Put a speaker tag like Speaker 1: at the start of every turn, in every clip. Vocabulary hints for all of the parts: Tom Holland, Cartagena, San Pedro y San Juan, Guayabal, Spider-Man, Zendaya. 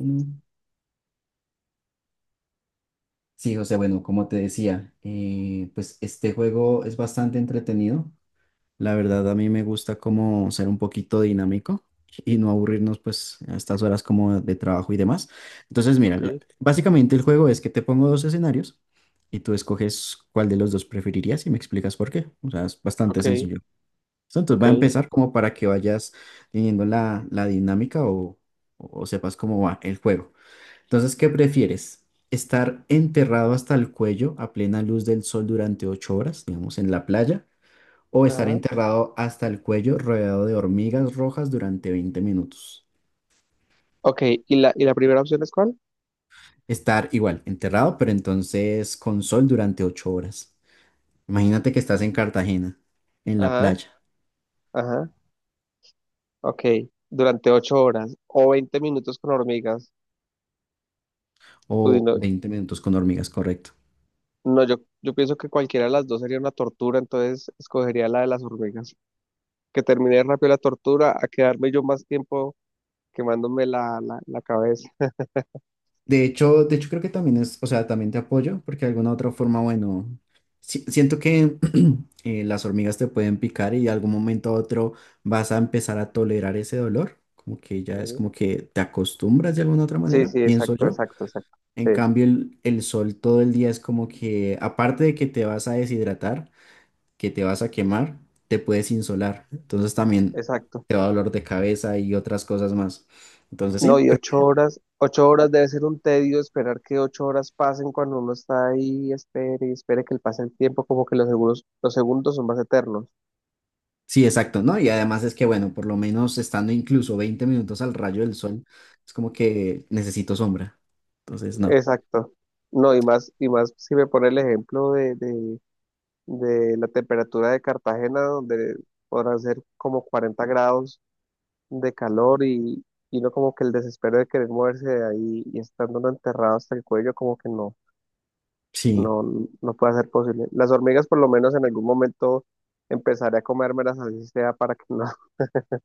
Speaker 1: Mm. Sí, José, bueno, como te decía, pues este juego es bastante entretenido. La verdad, a mí me gusta como ser un poquito dinámico y no aburrirnos pues a estas horas como de trabajo y demás. Entonces, mira,
Speaker 2: Ok,
Speaker 1: básicamente el juego es que te pongo dos escenarios y tú escoges cuál de los dos preferirías y me explicas por qué. O sea, es bastante
Speaker 2: ok,
Speaker 1: sencillo. Entonces, va
Speaker 2: ok,
Speaker 1: a empezar como para que vayas teniendo la dinámica o sepas cómo va el juego. Entonces, ¿qué prefieres? ¿Estar enterrado hasta el cuello a plena luz del sol durante 8 horas, digamos, en la playa? ¿O estar
Speaker 2: ajá,
Speaker 1: enterrado hasta el cuello rodeado de hormigas rojas durante 20 minutos?
Speaker 2: ok, ¿y la primera opción es cuál?
Speaker 1: Estar igual, enterrado, pero entonces con sol durante 8 horas. Imagínate que estás en Cartagena, en la
Speaker 2: Ajá,
Speaker 1: playa,
Speaker 2: ajá, ok, durante ocho horas o 20 minutos con hormigas.
Speaker 1: o
Speaker 2: Uy, no,
Speaker 1: 20 minutos con hormigas, correcto.
Speaker 2: no, yo pienso que cualquiera de las dos sería una tortura, entonces escogería la de las hormigas. Que termine rápido la tortura a quedarme yo más tiempo quemándome la cabeza.
Speaker 1: De hecho creo que también es, o sea, también te apoyo, porque de alguna otra forma, bueno, siento que las hormigas te pueden picar y de algún momento a otro vas a empezar a tolerar ese dolor, como que ya es
Speaker 2: Sí,
Speaker 1: como que te acostumbras de alguna otra
Speaker 2: sí,
Speaker 1: manera,
Speaker 2: sí,
Speaker 1: pienso
Speaker 2: exacto,
Speaker 1: yo.
Speaker 2: exacto, exacto,
Speaker 1: En
Speaker 2: sí,
Speaker 1: cambio, el sol todo el día es como que, aparte de que te vas a deshidratar, que te vas a quemar, te puedes insolar, entonces también
Speaker 2: exacto.
Speaker 1: te va a dolor de cabeza y otras cosas más. Entonces
Speaker 2: No,
Speaker 1: sí.
Speaker 2: y
Speaker 1: Creo.
Speaker 2: ocho horas debe ser un tedio esperar que ocho horas pasen cuando uno está ahí, espere y espere que le pase el tiempo, como que los segundos son más eternos.
Speaker 1: Sí, exacto, ¿no? Y además es que, bueno, por lo menos estando incluso 20 minutos al rayo del sol, es como que necesito sombra. Entonces, no.
Speaker 2: Exacto. No, y más si me pone el ejemplo de la temperatura de Cartagena, donde podrán ser como 40 grados de calor y uno como que el desespero de querer moverse de ahí y estando uno enterrado hasta el cuello, como que no.
Speaker 1: Sí,
Speaker 2: No, no puede ser posible. Las hormigas por lo menos en algún momento empezaré a comérmelas así sea para que no,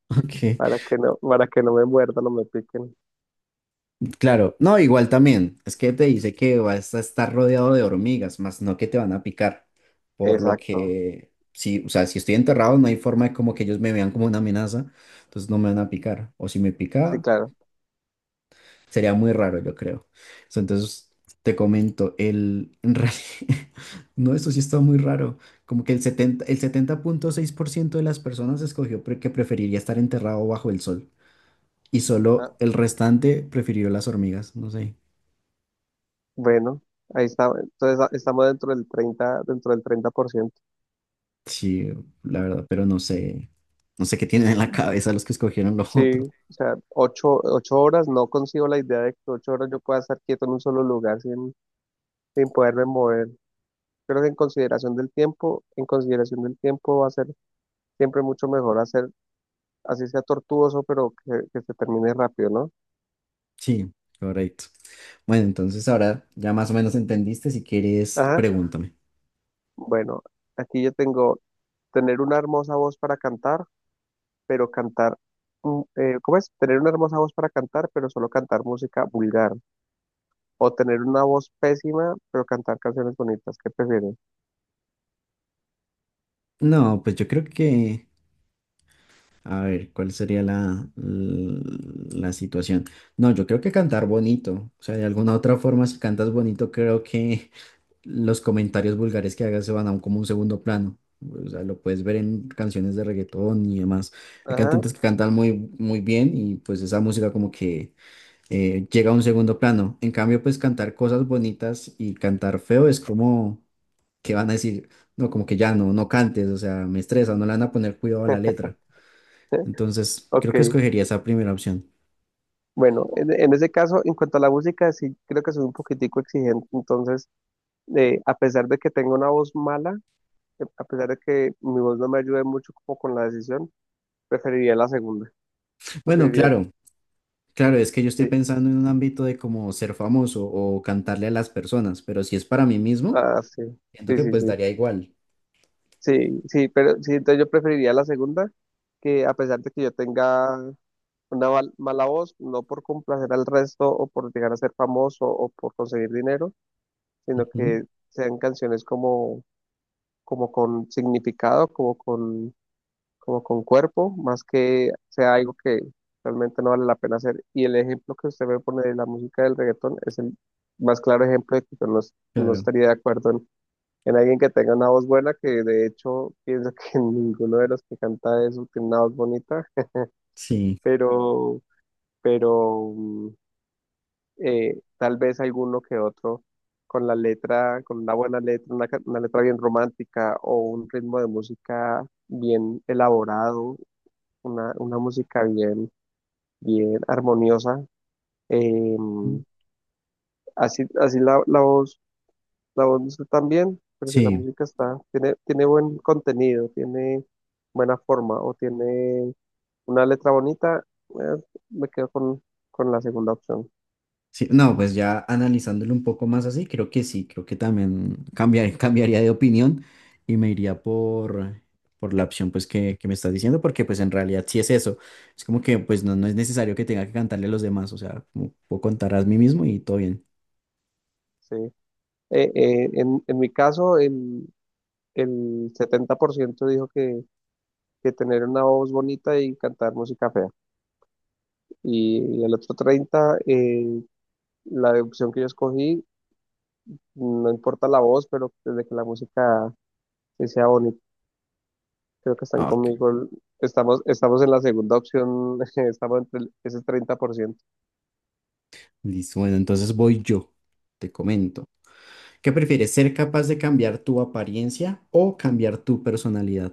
Speaker 1: ok.
Speaker 2: para que no me muerdan o me piquen.
Speaker 1: Claro, no, igual también. Es que te dice que vas a estar rodeado de hormigas, más no que te van a picar. Por lo
Speaker 2: Exacto,
Speaker 1: que, sí, o sea, si estoy enterrado, no hay forma de como que ellos me vean como una amenaza, entonces no me van a picar. O si me
Speaker 2: sí,
Speaker 1: pica,
Speaker 2: claro.
Speaker 1: sería muy raro, yo creo. Entonces, te comento, en realidad, no, eso sí está muy raro. Como que el 70,6% de las personas escogió que preferiría estar enterrado bajo el sol. Y solo
Speaker 2: Ah,
Speaker 1: el restante prefirió las hormigas. No sé.
Speaker 2: bueno, ahí está. Entonces estamos dentro del 30 dentro del 30%.
Speaker 1: Sí, la verdad, pero no sé. No sé qué tienen en la cabeza los que escogieron lo
Speaker 2: Sí,
Speaker 1: otro.
Speaker 2: o sea, ocho, ocho horas, no consigo la idea de que ocho horas yo pueda estar quieto en un solo lugar sin poderme mover. Creo que en consideración del tiempo, en consideración del tiempo va a ser siempre mucho mejor hacer así sea tortuoso, pero que se termine rápido, ¿no?
Speaker 1: Sí, correcto. Bueno, entonces ahora ya más o menos entendiste. Si quieres,
Speaker 2: Ajá.
Speaker 1: pregúntame.
Speaker 2: Bueno, aquí yo tengo tener una hermosa voz para cantar, pero cantar, ¿cómo es? Tener una hermosa voz para cantar, pero solo cantar música vulgar. O tener una voz pésima, pero cantar canciones bonitas. ¿Qué prefieres?
Speaker 1: No, pues yo creo que a ver, ¿cuál sería la situación? No, yo creo que cantar bonito. O sea, de alguna otra forma, si cantas bonito, creo que los comentarios vulgares que hagas se van a un, como un segundo plano. O sea, lo puedes ver en canciones de reggaetón y demás. Hay
Speaker 2: Ajá.
Speaker 1: cantantes que cantan muy, muy bien y pues esa música como que llega a un segundo plano. En cambio, pues cantar cosas bonitas y cantar feo es como que van a decir, no, como que ya no, no cantes, o sea, me estresa, no le van a poner cuidado a la letra. Entonces, creo que
Speaker 2: Ok.
Speaker 1: escogería esa primera opción.
Speaker 2: Bueno, en ese caso, en cuanto a la música, sí creo que soy un poquitico exigente. Entonces, a pesar de que tengo una voz mala, a pesar de que mi voz no me ayude mucho como con la decisión, preferiría la segunda.
Speaker 1: Bueno,
Speaker 2: Preferiría,
Speaker 1: claro, claro, es que yo estoy
Speaker 2: sí.
Speaker 1: pensando en un ámbito de como ser famoso o cantarle a las personas, pero si es para mí mismo,
Speaker 2: Ah, sí.
Speaker 1: siento
Speaker 2: Sí,
Speaker 1: que
Speaker 2: sí,
Speaker 1: pues
Speaker 2: sí.
Speaker 1: daría igual.
Speaker 2: Sí, sí, pero sí, entonces yo preferiría la segunda, que a pesar de que yo tenga una mala voz, no por complacer al resto o por llegar a ser famoso o por conseguir dinero, sino
Speaker 1: Ujú,
Speaker 2: que sean canciones como, como con significado, como con cuerpo, más que sea algo que realmente no vale la pena hacer. Y el ejemplo que usted me pone de la música del reggaetón es el más claro ejemplo de que yo no, no
Speaker 1: claro,
Speaker 2: estaría de acuerdo en alguien que tenga una voz buena, que de hecho pienso que ninguno de los que canta eso tiene una voz bonita,
Speaker 1: sí,
Speaker 2: pero, pero tal vez alguno que otro con la letra, con una buena letra, una letra bien romántica o un ritmo de música bien elaborado, una música bien, bien armoniosa. em,
Speaker 1: mm,
Speaker 2: Así así la voz. La voz no está tan bien, pero si la
Speaker 1: sí,
Speaker 2: música está, tiene, tiene buen contenido, tiene buena forma o tiene una letra bonita, eh, me quedo con la segunda opción.
Speaker 1: sí. No, pues ya analizándolo un poco más así, creo que sí, creo que también cambiar, cambiaría de opinión y me iría por la opción pues que me estás diciendo, porque pues en realidad sí es eso. Es como que pues no, no es necesario que tenga que cantarle a los demás, o sea, como puedo contar a mí mismo y todo bien.
Speaker 2: Sí. En mi caso, el 70% dijo que tener una voz bonita y cantar música fea. Y el otro 30%, la opción que yo escogí, no importa la voz, pero desde que la música que sea bonita. Creo que están
Speaker 1: Ah, ok,
Speaker 2: conmigo. Estamos, estamos en la segunda opción, estamos entre ese 30%.
Speaker 1: listo. Bueno, entonces voy yo. Te comento. ¿Qué prefieres? ¿Ser capaz de cambiar tu apariencia o cambiar tu personalidad?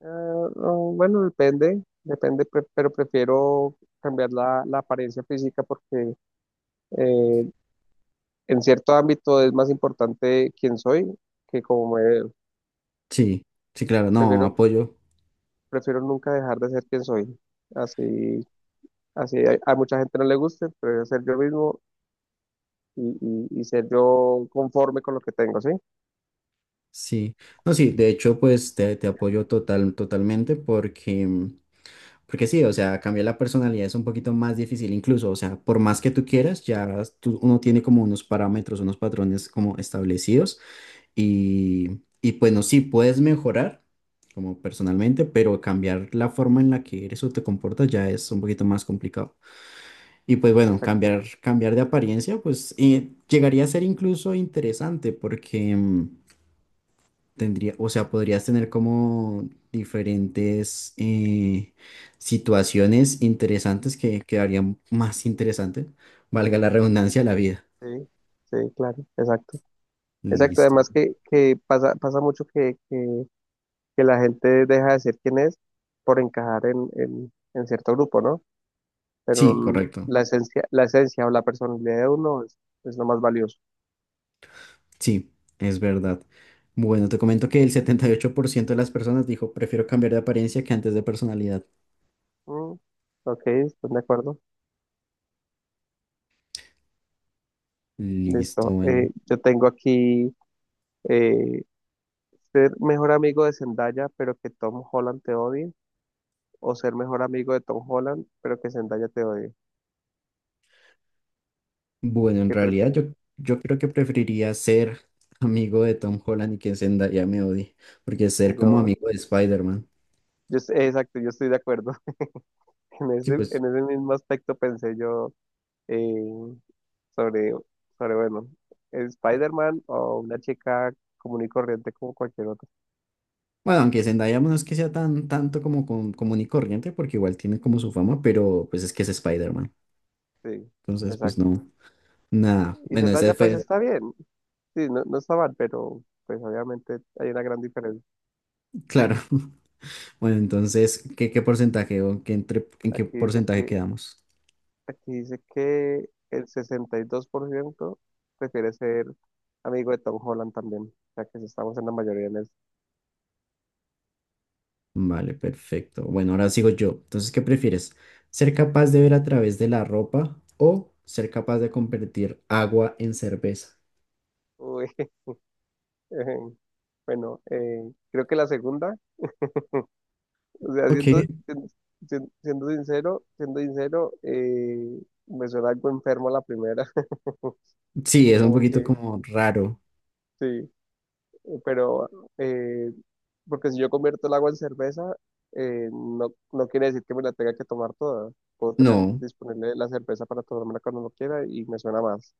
Speaker 2: Ah, no, bueno, depende, depende, pero prefiero cambiar la apariencia física porque eh, en cierto ámbito es más importante quién soy que como me veo.
Speaker 1: Sí, sí, claro, no,
Speaker 2: Prefiero,
Speaker 1: apoyo.
Speaker 2: prefiero nunca dejar de ser quien soy. Así, así a mucha gente no le guste, pero ser yo mismo y, y y ser yo conforme con lo que tengo, ¿sí?
Speaker 1: Sí, no, sí, de hecho, pues te apoyo totalmente porque, mm, porque sí, o sea, cambiar la personalidad es un poquito más difícil, incluso, o sea, por más que tú quieras, ya uno tiene como unos parámetros, unos patrones como establecidos. Y bueno, sí, puedes mejorar como personalmente, pero cambiar la forma en la que eres o te comportas ya es un poquito más complicado. Y pues bueno,
Speaker 2: Exacto.
Speaker 1: cambiar de apariencia, pues llegaría a ser incluso interesante porque mm, tendría, o sea, podrías tener como diferentes situaciones interesantes que quedarían más interesantes, valga la redundancia, la vida.
Speaker 2: Sí, sí, claro, exacto. Exacto,
Speaker 1: Listo.
Speaker 2: además que pasa, pasa mucho que la gente deja de ser quien es por encajar en cierto grupo, ¿no? Pero
Speaker 1: Sí, correcto.
Speaker 2: la esencia o la personalidad de uno es lo más valioso.
Speaker 1: Sí, es verdad. Bueno, te comento que el 78% de las personas dijo, prefiero cambiar de apariencia que antes de personalidad.
Speaker 2: Mm, ok, ¿están de acuerdo?
Speaker 1: Listo,
Speaker 2: Listo.
Speaker 1: bueno.
Speaker 2: Yo tengo aquí eh, ser mejor amigo de Zendaya, pero que Tom Holland te odie, o ser mejor amigo de…
Speaker 1: Bueno, en realidad yo creo que preferiría ser amigo de Tom Holland y que Zendaya me odie, porque ser como amigo de Spider-Man. Sí, pues,
Speaker 2: En ese mismo aspecto pensé yo eh, sobre, sobre, bueno, Spider-Man o una chica común y corriente como cualquier otra.
Speaker 1: bueno, aunque Zendaya no es que sea tan tanto como común y corriente, porque igual tiene como su fama, pero pues es que es Spider-Man.
Speaker 2: Sí,
Speaker 1: Entonces, pues
Speaker 2: exacto.
Speaker 1: no, nada.
Speaker 2: Y
Speaker 1: Bueno, ese
Speaker 2: Zendaya pues
Speaker 1: fue,
Speaker 2: está bien, sí, no, no está mal, pero pues obviamente hay una gran diferencia.
Speaker 1: claro. Bueno, entonces, ¿qué porcentaje o qué en qué
Speaker 2: Aquí dice
Speaker 1: porcentaje
Speaker 2: que,
Speaker 1: quedamos?
Speaker 2: aquí dice que el 62% prefiere ser amigo de Tom Holland también, o sea que estamos en la mayoría en eso.
Speaker 1: Vale, perfecto. Bueno, ahora sigo yo. Entonces, ¿qué prefieres? ¿Ser capaz de ver a través de la ropa o ser capaz de convertir agua en cerveza?
Speaker 2: Uy, bueno, creo que la segunda. O sea,
Speaker 1: Ok,
Speaker 2: siendo sincero, siendo sincero, me suena algo enfermo la primera,
Speaker 1: sí, es un
Speaker 2: como
Speaker 1: poquito
Speaker 2: que
Speaker 1: como raro.
Speaker 2: sí, pero eh, porque si yo convierto el agua en cerveza, no, no quiere decir que me la tenga que tomar toda. Puedo tener
Speaker 1: No,
Speaker 2: disponible la cerveza para tomármela cuando lo quiera y me suena más.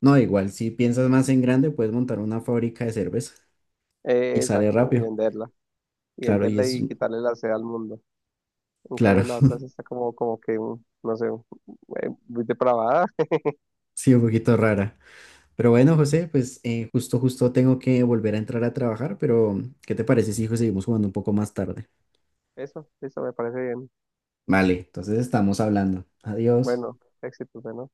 Speaker 1: no, igual, si piensas más en grande, puedes montar una fábrica de cerveza y sale
Speaker 2: Exacto, y
Speaker 1: rápido.
Speaker 2: venderla. Y
Speaker 1: Claro, y
Speaker 2: venderla
Speaker 1: es,
Speaker 2: y quitarle la sed al mundo. En cambio,
Speaker 1: claro,
Speaker 2: la otra sí está como, como que, no sé, muy depravada.
Speaker 1: sí, un poquito rara. Pero bueno, José, pues justo, justo tengo que volver a entrar a trabajar, pero ¿qué te parece si hijo, seguimos jugando un poco más tarde?
Speaker 2: Eso me parece bien.
Speaker 1: Vale, entonces estamos hablando. Adiós.
Speaker 2: Bueno, éxitos, ¿no?